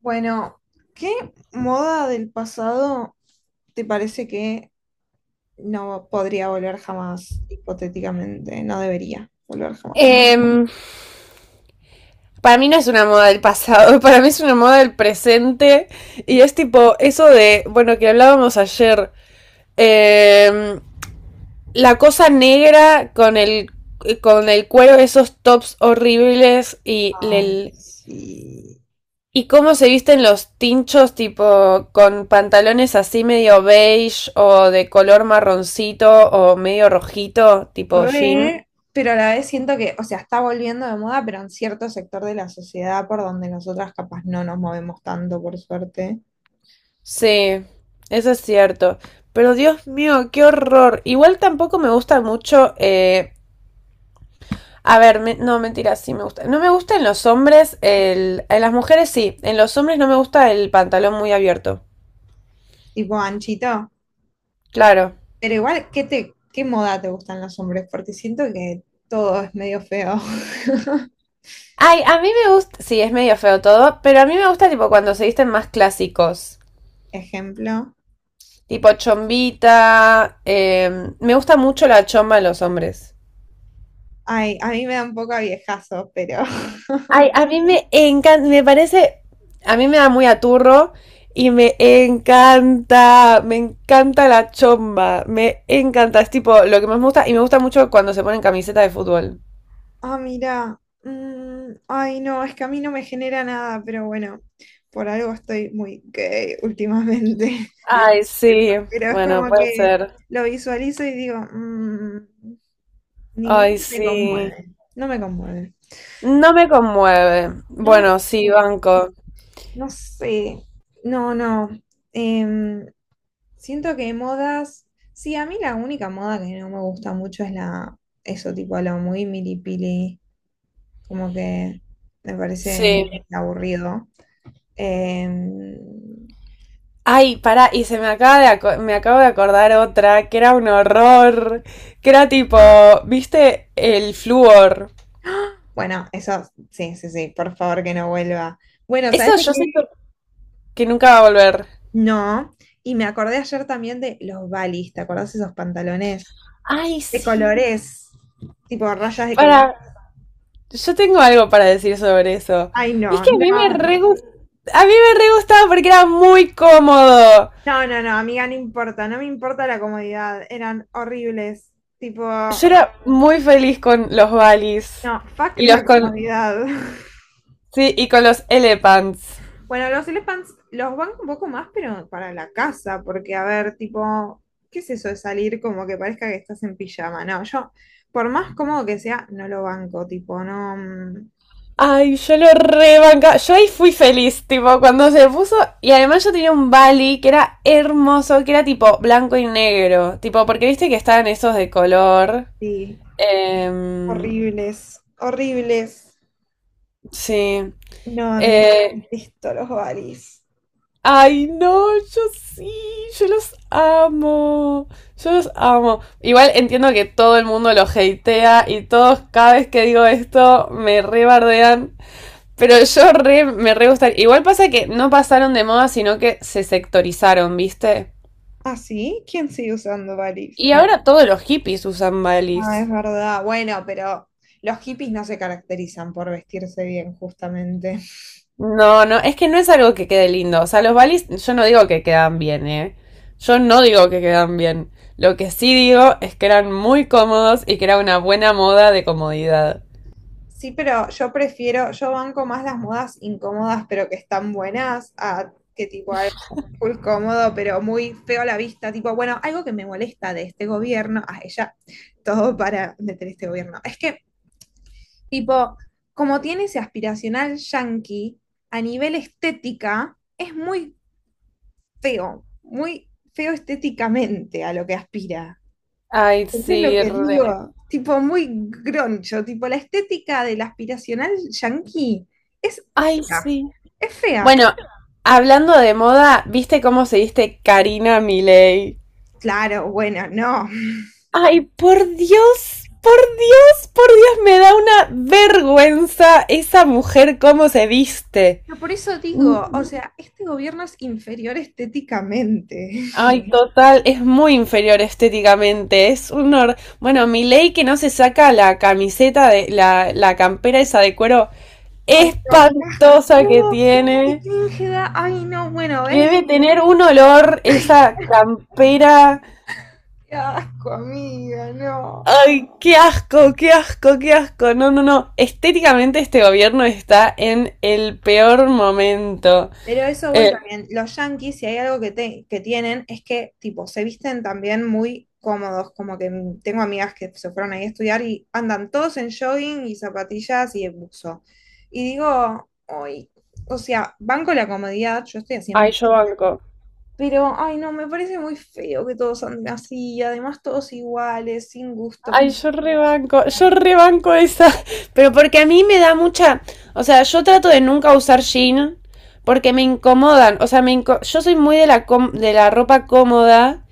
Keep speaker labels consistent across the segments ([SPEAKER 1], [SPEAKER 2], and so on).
[SPEAKER 1] Bueno, ¿qué moda del pasado te parece que no podría volver jamás, hipotéticamente? No debería volver jamás.
[SPEAKER 2] Em, para mí no es una moda del pasado, para mí es una moda del presente. Y es tipo eso de, bueno, que hablábamos ayer. em, la cosa negra con el cuero, de esos tops horribles y
[SPEAKER 1] Ay, sí.
[SPEAKER 2] Y cómo se visten los tinchos, tipo con pantalones así medio beige o de color marroncito o medio rojito, tipo jean.
[SPEAKER 1] Re, pero a la vez siento que, o sea, está volviendo de moda, pero en cierto sector de la sociedad por donde nosotras capaz no nos movemos tanto, por suerte.
[SPEAKER 2] Sí, eso es cierto. Pero Dios mío, qué horror. Igual tampoco me gusta mucho. A ver, no, mentira, sí me gusta. No me gusta en los hombres, en las mujeres sí. En los hombres no me gusta el pantalón muy abierto.
[SPEAKER 1] Tipo anchito.
[SPEAKER 2] Claro.
[SPEAKER 1] Pero igual, ¿qué moda te gustan los hombres? Porque siento que todo es medio feo.
[SPEAKER 2] Ay, a mí me gusta. Sí, es medio feo todo, pero a mí me gusta tipo cuando se visten más clásicos.
[SPEAKER 1] Ejemplo.
[SPEAKER 2] Tipo chombita. Me gusta mucho la chomba en los hombres.
[SPEAKER 1] Ay, a mí me da un poco a viejazo, pero.
[SPEAKER 2] Ay, a mí me encanta, me parece, a mí me da muy aturro y me encanta la chomba, me encanta, es tipo lo que más me gusta y me gusta mucho cuando se ponen camiseta de fútbol.
[SPEAKER 1] Ah, mira. Ay, no, es que a mí no me genera nada, pero bueno, por algo estoy muy gay últimamente.
[SPEAKER 2] Ay, sí,
[SPEAKER 1] Pero es
[SPEAKER 2] bueno,
[SPEAKER 1] como
[SPEAKER 2] puede
[SPEAKER 1] que
[SPEAKER 2] ser.
[SPEAKER 1] lo visualizo y digo, ninguno
[SPEAKER 2] Ay,
[SPEAKER 1] me
[SPEAKER 2] sí.
[SPEAKER 1] conmueve. No me conmueve.
[SPEAKER 2] No me conmueve.
[SPEAKER 1] No me.
[SPEAKER 2] Bueno, sí, banco.
[SPEAKER 1] No sé. No, no. Em, Siento que modas. Sí, a mí la única moda que no me gusta mucho es la. Eso, tipo, lo muy milipili, como que me parece
[SPEAKER 2] Sí.
[SPEAKER 1] aburrido. Eh,
[SPEAKER 2] Ay, pará, y se me acaba de me acabo de acordar otra que era un horror, que era tipo, ¿viste? El flúor.
[SPEAKER 1] bueno, eso, sí, sí, sí, por favor que no vuelva. Bueno, ¿sabes
[SPEAKER 2] Eso
[SPEAKER 1] de
[SPEAKER 2] yo
[SPEAKER 1] qué?
[SPEAKER 2] siento que nunca va a volver.
[SPEAKER 1] No, y me acordé ayer también de los balis, ¿te acordás esos pantalones
[SPEAKER 2] Ay,
[SPEAKER 1] de
[SPEAKER 2] sí.
[SPEAKER 1] colores, tipo rayas de color?
[SPEAKER 2] Para, yo tengo algo para decir sobre eso.
[SPEAKER 1] Ay,
[SPEAKER 2] Y es
[SPEAKER 1] no,
[SPEAKER 2] que a mí
[SPEAKER 1] no,
[SPEAKER 2] a mí me re gustaba porque era muy cómodo.
[SPEAKER 1] no, no, no, amiga, no importa, no me importa la comodidad, eran horribles, tipo,
[SPEAKER 2] Yo era muy feliz con los Valis
[SPEAKER 1] no, fuck
[SPEAKER 2] y los
[SPEAKER 1] la
[SPEAKER 2] con
[SPEAKER 1] comodidad.
[SPEAKER 2] sí, y con los Elephants.
[SPEAKER 1] Bueno, los elephants los banco un poco más, pero para la casa, porque a ver, tipo, ¿qué es eso de salir como que parezca que estás en pijama? No, yo, por más cómodo que sea, no lo banco, tipo, no.
[SPEAKER 2] Ay, yo lo rebanca. Yo ahí fui feliz, tipo, cuando se puso. Y además yo tenía un Bali que era hermoso, que era tipo blanco y negro. Tipo, porque viste que estaban esos de color.
[SPEAKER 1] Sí,
[SPEAKER 2] Em,
[SPEAKER 1] horribles, horribles.
[SPEAKER 2] sí.
[SPEAKER 1] No, amiga,
[SPEAKER 2] Eh,
[SPEAKER 1] esto, los Balis.
[SPEAKER 2] ay, no, yo sí, yo los amo, yo los amo. Igual entiendo que todo el mundo los hatea y todos cada vez que digo esto me rebardean, pero me re gusta. Igual pasa que no pasaron de moda, sino que se sectorizaron, ¿viste?
[SPEAKER 1] ¿Ah, sí? ¿Quién sigue usando Balis?
[SPEAKER 2] Y ahora todos los hippies usan
[SPEAKER 1] Ah, es
[SPEAKER 2] balis.
[SPEAKER 1] verdad. Bueno, pero los hippies no se caracterizan por vestirse bien, justamente.
[SPEAKER 2] No, no, es que no es algo que quede lindo. O sea, los balis, yo no digo que quedan bien, ¿eh? Yo no digo que quedan bien. Lo que sí digo es que eran muy cómodos y que era una buena moda de comodidad.
[SPEAKER 1] Sí, pero yo banco más las modas incómodas, pero que están buenas, a que tipo algo full cómodo, pero muy feo a la vista. Tipo, bueno, algo que me molesta de este gobierno, a ella, todo para meter este gobierno. Es que, tipo, como tiene ese aspiracional yanqui a nivel estética, es muy feo estéticamente a lo que aspira.
[SPEAKER 2] Ay,
[SPEAKER 1] Eso es lo
[SPEAKER 2] sí,
[SPEAKER 1] que
[SPEAKER 2] re.
[SPEAKER 1] digo, tipo muy groncho, tipo la estética del aspiracional yanqui es
[SPEAKER 2] Ay,
[SPEAKER 1] fea,
[SPEAKER 2] sí.
[SPEAKER 1] es fea.
[SPEAKER 2] Bueno, hablando de moda, ¿viste cómo se viste Karina Milei?
[SPEAKER 1] Claro, bueno, no.
[SPEAKER 2] Ay, por Dios, por Dios, por Dios, me da una vergüenza esa mujer cómo se viste.
[SPEAKER 1] Pero por eso digo, o
[SPEAKER 2] Mm,
[SPEAKER 1] sea, este gobierno es inferior estéticamente.
[SPEAKER 2] Ay, total, es muy inferior estéticamente, es un bueno, Milei que no se saca la camiseta de la campera esa de cuero
[SPEAKER 1] Ay, no, qué
[SPEAKER 2] espantosa que
[SPEAKER 1] asco, qué
[SPEAKER 2] tiene,
[SPEAKER 1] cringe da. Ay, no, bueno,
[SPEAKER 2] que
[SPEAKER 1] ¿ves?
[SPEAKER 2] debe tener un olor esa campera.
[SPEAKER 1] Qué asco, amiga, no.
[SPEAKER 2] Ay, qué asco, qué asco, qué asco. No, no, no. Estéticamente este gobierno está en el peor momento.
[SPEAKER 1] Pero eso voy
[SPEAKER 2] Eh,
[SPEAKER 1] también. Los yankees, si hay algo que, que tienen, es que, tipo, se visten también muy cómodos. Como que tengo amigas que se fueron ahí a estudiar y andan todos en jogging y zapatillas y en buzo. Y digo, hoy, o sea, banco la comodidad, yo estoy así en
[SPEAKER 2] ay,
[SPEAKER 1] mi.
[SPEAKER 2] yo banco.
[SPEAKER 1] Pero, ay, no, me parece muy feo que todos anden así, y además todos iguales, sin gusto.
[SPEAKER 2] Ay, yo rebanco esa. Pero porque a mí me da mucha. O sea, yo trato de nunca usar jean porque me incomodan. O sea, yo soy muy de la ropa cómoda.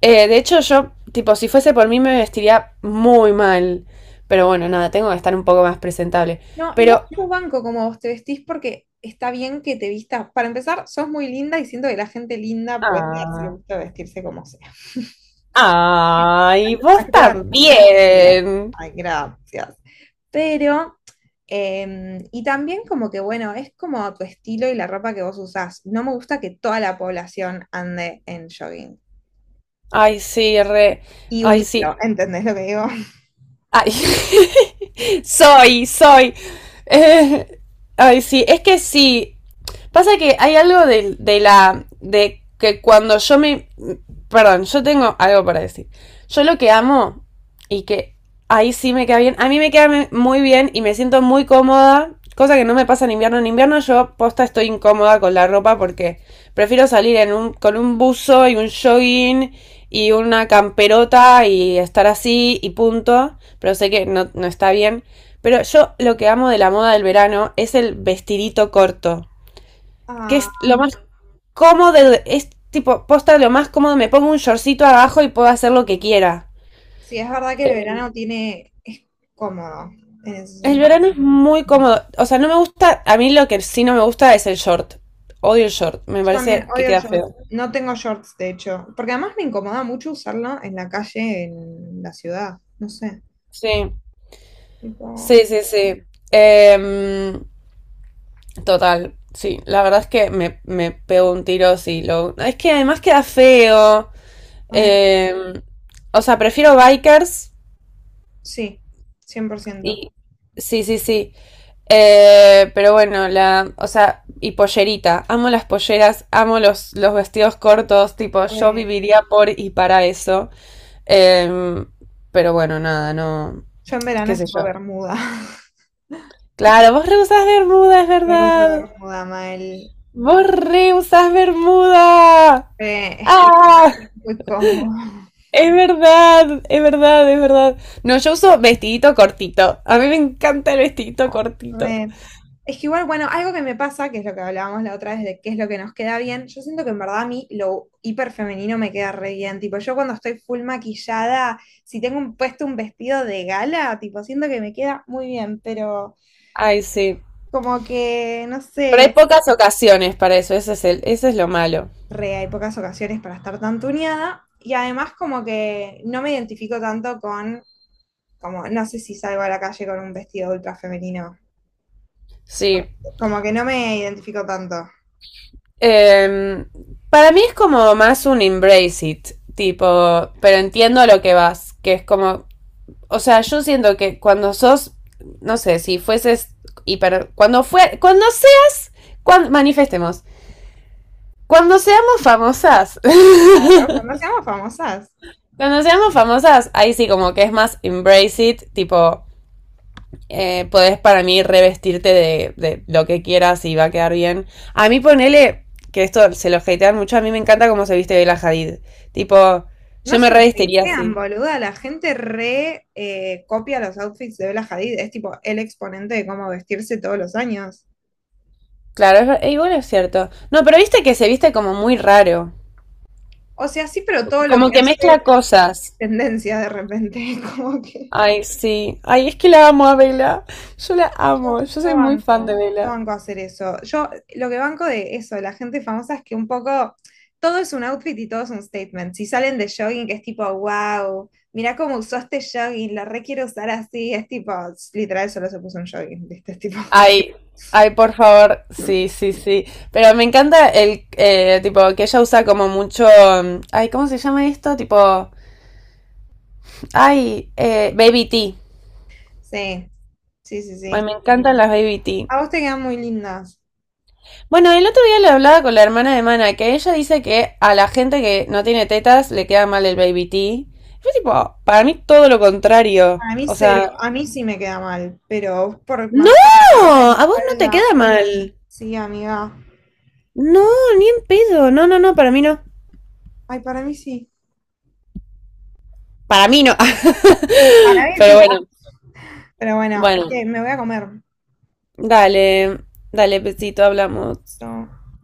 [SPEAKER 2] De hecho, yo, tipo, si fuese por mí me vestiría muy mal. Pero bueno, nada, tengo que estar un poco más presentable.
[SPEAKER 1] No, igual
[SPEAKER 2] Pero.
[SPEAKER 1] yo banco como vos te vestís porque está bien que te vistas. Para empezar, sos muy linda y siento que la gente linda puede darse el
[SPEAKER 2] Ah.
[SPEAKER 1] gusto de vestirse como sea.
[SPEAKER 2] Ay,
[SPEAKER 1] La
[SPEAKER 2] vos
[SPEAKER 1] cruda realidad.
[SPEAKER 2] también.
[SPEAKER 1] Ay, gracias. Pero, y también como que, bueno, es como a tu estilo y la ropa que vos usás. No me gusta que toda la población ande en jogging.
[SPEAKER 2] Ay, sí, re.
[SPEAKER 1] Y
[SPEAKER 2] Ay, sí.
[SPEAKER 1] unirlo, ¿entendés lo que digo?
[SPEAKER 2] Ay, soy, soy. Eh, ay, sí, es que sí. Pasa que hay algo de la. De que cuando yo me. Perdón, yo tengo algo para decir. Yo lo que amo y que ahí sí me queda bien. A mí muy bien y me siento muy cómoda. Cosa que no me pasa en invierno. En invierno yo posta estoy incómoda con la ropa porque prefiero salir en con un buzo y un jogging y una camperota y estar así y punto, pero sé que no, no está bien. Pero yo lo que amo de la moda del verano es el vestidito corto, que
[SPEAKER 1] Ah,
[SPEAKER 2] es lo más cómodo, es tipo, posta lo más cómodo, me pongo un shortcito abajo y puedo hacer lo que quiera.
[SPEAKER 1] sí, es verdad que el verano es cómodo en ese
[SPEAKER 2] El
[SPEAKER 1] sentido.
[SPEAKER 2] verano es muy cómodo, o sea, no me gusta, a mí lo que sí no me gusta es el short, odio el short, me
[SPEAKER 1] Yo también
[SPEAKER 2] parece que
[SPEAKER 1] odio el
[SPEAKER 2] queda
[SPEAKER 1] short.
[SPEAKER 2] feo.
[SPEAKER 1] No tengo shorts, de hecho. Porque además me incomoda mucho usarlo en la calle, en la ciudad. No sé.
[SPEAKER 2] Sí,
[SPEAKER 1] Tipo,
[SPEAKER 2] sí, sí, sí. Em, total, sí. La verdad es que me pego un tiro si lo. Es que además queda feo.
[SPEAKER 1] a ver,
[SPEAKER 2] Eh, o sea, prefiero bikers.
[SPEAKER 1] sí, 100%.
[SPEAKER 2] Y. Sí, sí, sí. Pero bueno, la. O sea, y pollerita. Amo las polleras, amo los vestidos cortos. Tipo, yo
[SPEAKER 1] Re-
[SPEAKER 2] viviría por y para eso. Eh, pero bueno, nada, no.
[SPEAKER 1] yo en verano
[SPEAKER 2] ¿Qué
[SPEAKER 1] es
[SPEAKER 2] sé
[SPEAKER 1] tipo
[SPEAKER 2] yo?
[SPEAKER 1] Bermuda.
[SPEAKER 2] Claro, vos rehusás Bermuda, es
[SPEAKER 1] Me gusta
[SPEAKER 2] verdad.
[SPEAKER 1] Bermuda, Mael.
[SPEAKER 2] Borré usas bermuda.
[SPEAKER 1] Es que
[SPEAKER 2] Ah,
[SPEAKER 1] muy cómodo.
[SPEAKER 2] es verdad, es verdad, es verdad. No, yo uso vestidito cortito. A mí me encanta el vestidito cortito.
[SPEAKER 1] Re. Es que igual, bueno, algo que me pasa, que es lo que hablábamos la otra vez de qué es lo que nos queda bien, yo siento que en verdad a mí lo hiper femenino me queda re bien. Tipo, yo cuando estoy full maquillada, si tengo puesto un vestido de gala, tipo, siento que me queda muy bien, pero
[SPEAKER 2] Ay, sí.
[SPEAKER 1] como que, no
[SPEAKER 2] Pero hay
[SPEAKER 1] sé,
[SPEAKER 2] pocas ocasiones para eso, ese es el, ese es lo malo.
[SPEAKER 1] re, hay pocas ocasiones para estar tan tuneada. Y además como que no me identifico tanto con, como, no sé si salgo a la calle con un vestido ultra femenino.
[SPEAKER 2] Sí.
[SPEAKER 1] Como que no me identifico tanto.
[SPEAKER 2] Em, para mí es como más un embrace it, tipo, pero entiendo a lo que vas, que es como o sea, yo siento que cuando sos, no sé, si fueses hiper, cuando fue, cuando seas, cuando, manifestemos, cuando seamos famosas,
[SPEAKER 1] Claro, cuando seamos famosas.
[SPEAKER 2] cuando seamos famosas, ahí sí como que es más embrace it, tipo, podés para mí revestirte de lo que quieras y va a quedar bien. A mí ponele, que esto se lo hatean mucho, a mí me encanta cómo se viste Bella Hadid, tipo,
[SPEAKER 1] No
[SPEAKER 2] yo
[SPEAKER 1] se
[SPEAKER 2] me
[SPEAKER 1] los
[SPEAKER 2] revestiría
[SPEAKER 1] crean,
[SPEAKER 2] así.
[SPEAKER 1] boluda. La gente re copia los outfits de Bella Hadid. Es tipo el exponente de cómo vestirse todos los años.
[SPEAKER 2] Claro, igual es cierto. No, pero viste que se viste como muy raro.
[SPEAKER 1] O sea, sí, pero todo lo
[SPEAKER 2] Como
[SPEAKER 1] que
[SPEAKER 2] que mezcla
[SPEAKER 1] hace es
[SPEAKER 2] cosas.
[SPEAKER 1] tendencia de repente. Como que
[SPEAKER 2] Ay, sí. Ay, es que la amo a Bella. Yo la amo.
[SPEAKER 1] yo,
[SPEAKER 2] Yo
[SPEAKER 1] yo
[SPEAKER 2] soy muy fan de
[SPEAKER 1] banco. Yo
[SPEAKER 2] Bella.
[SPEAKER 1] banco hacer eso. Yo lo que banco de eso, de la gente famosa, es que un poco todo es un outfit y todo es un statement. Si salen de jogging, que es tipo, wow, mirá cómo usó este jogging, la re quiero usar así. Es tipo, literal, solo se puso un jogging. ¿Viste? Es tipo.
[SPEAKER 2] Ay, ay, por favor. Sí, sí, sí. Pero me encanta el tipo que ella usa como mucho. Ay, ¿cómo se llama esto? Tipo. Ay, baby tea.
[SPEAKER 1] Sí, sí, sí,
[SPEAKER 2] Ay,
[SPEAKER 1] sí.
[SPEAKER 2] me encantan las baby tea.
[SPEAKER 1] A vos te quedan muy lindas.
[SPEAKER 2] Bueno, el otro día le hablaba con la hermana de Mana que ella dice que a la gente que no tiene tetas le queda mal el baby tea. Fue tipo, para mí todo lo contrario.
[SPEAKER 1] A mí
[SPEAKER 2] O
[SPEAKER 1] cero,
[SPEAKER 2] sea,
[SPEAKER 1] a mí sí me queda mal, pero vos por
[SPEAKER 2] no,
[SPEAKER 1] más contextura de
[SPEAKER 2] a vos no te queda
[SPEAKER 1] espalda.
[SPEAKER 2] mal.
[SPEAKER 1] Sí, amiga.
[SPEAKER 2] No, ni en pedo. No, no, no, para mí no.
[SPEAKER 1] Ay, para mí sí.
[SPEAKER 2] Para mí no.
[SPEAKER 1] Para mí
[SPEAKER 2] Pero
[SPEAKER 1] sí.
[SPEAKER 2] bueno,
[SPEAKER 1] Ah, pero bueno,
[SPEAKER 2] bueno.
[SPEAKER 1] che, me voy a comer.
[SPEAKER 2] Dale, dale, besito, hablamos.
[SPEAKER 1] No.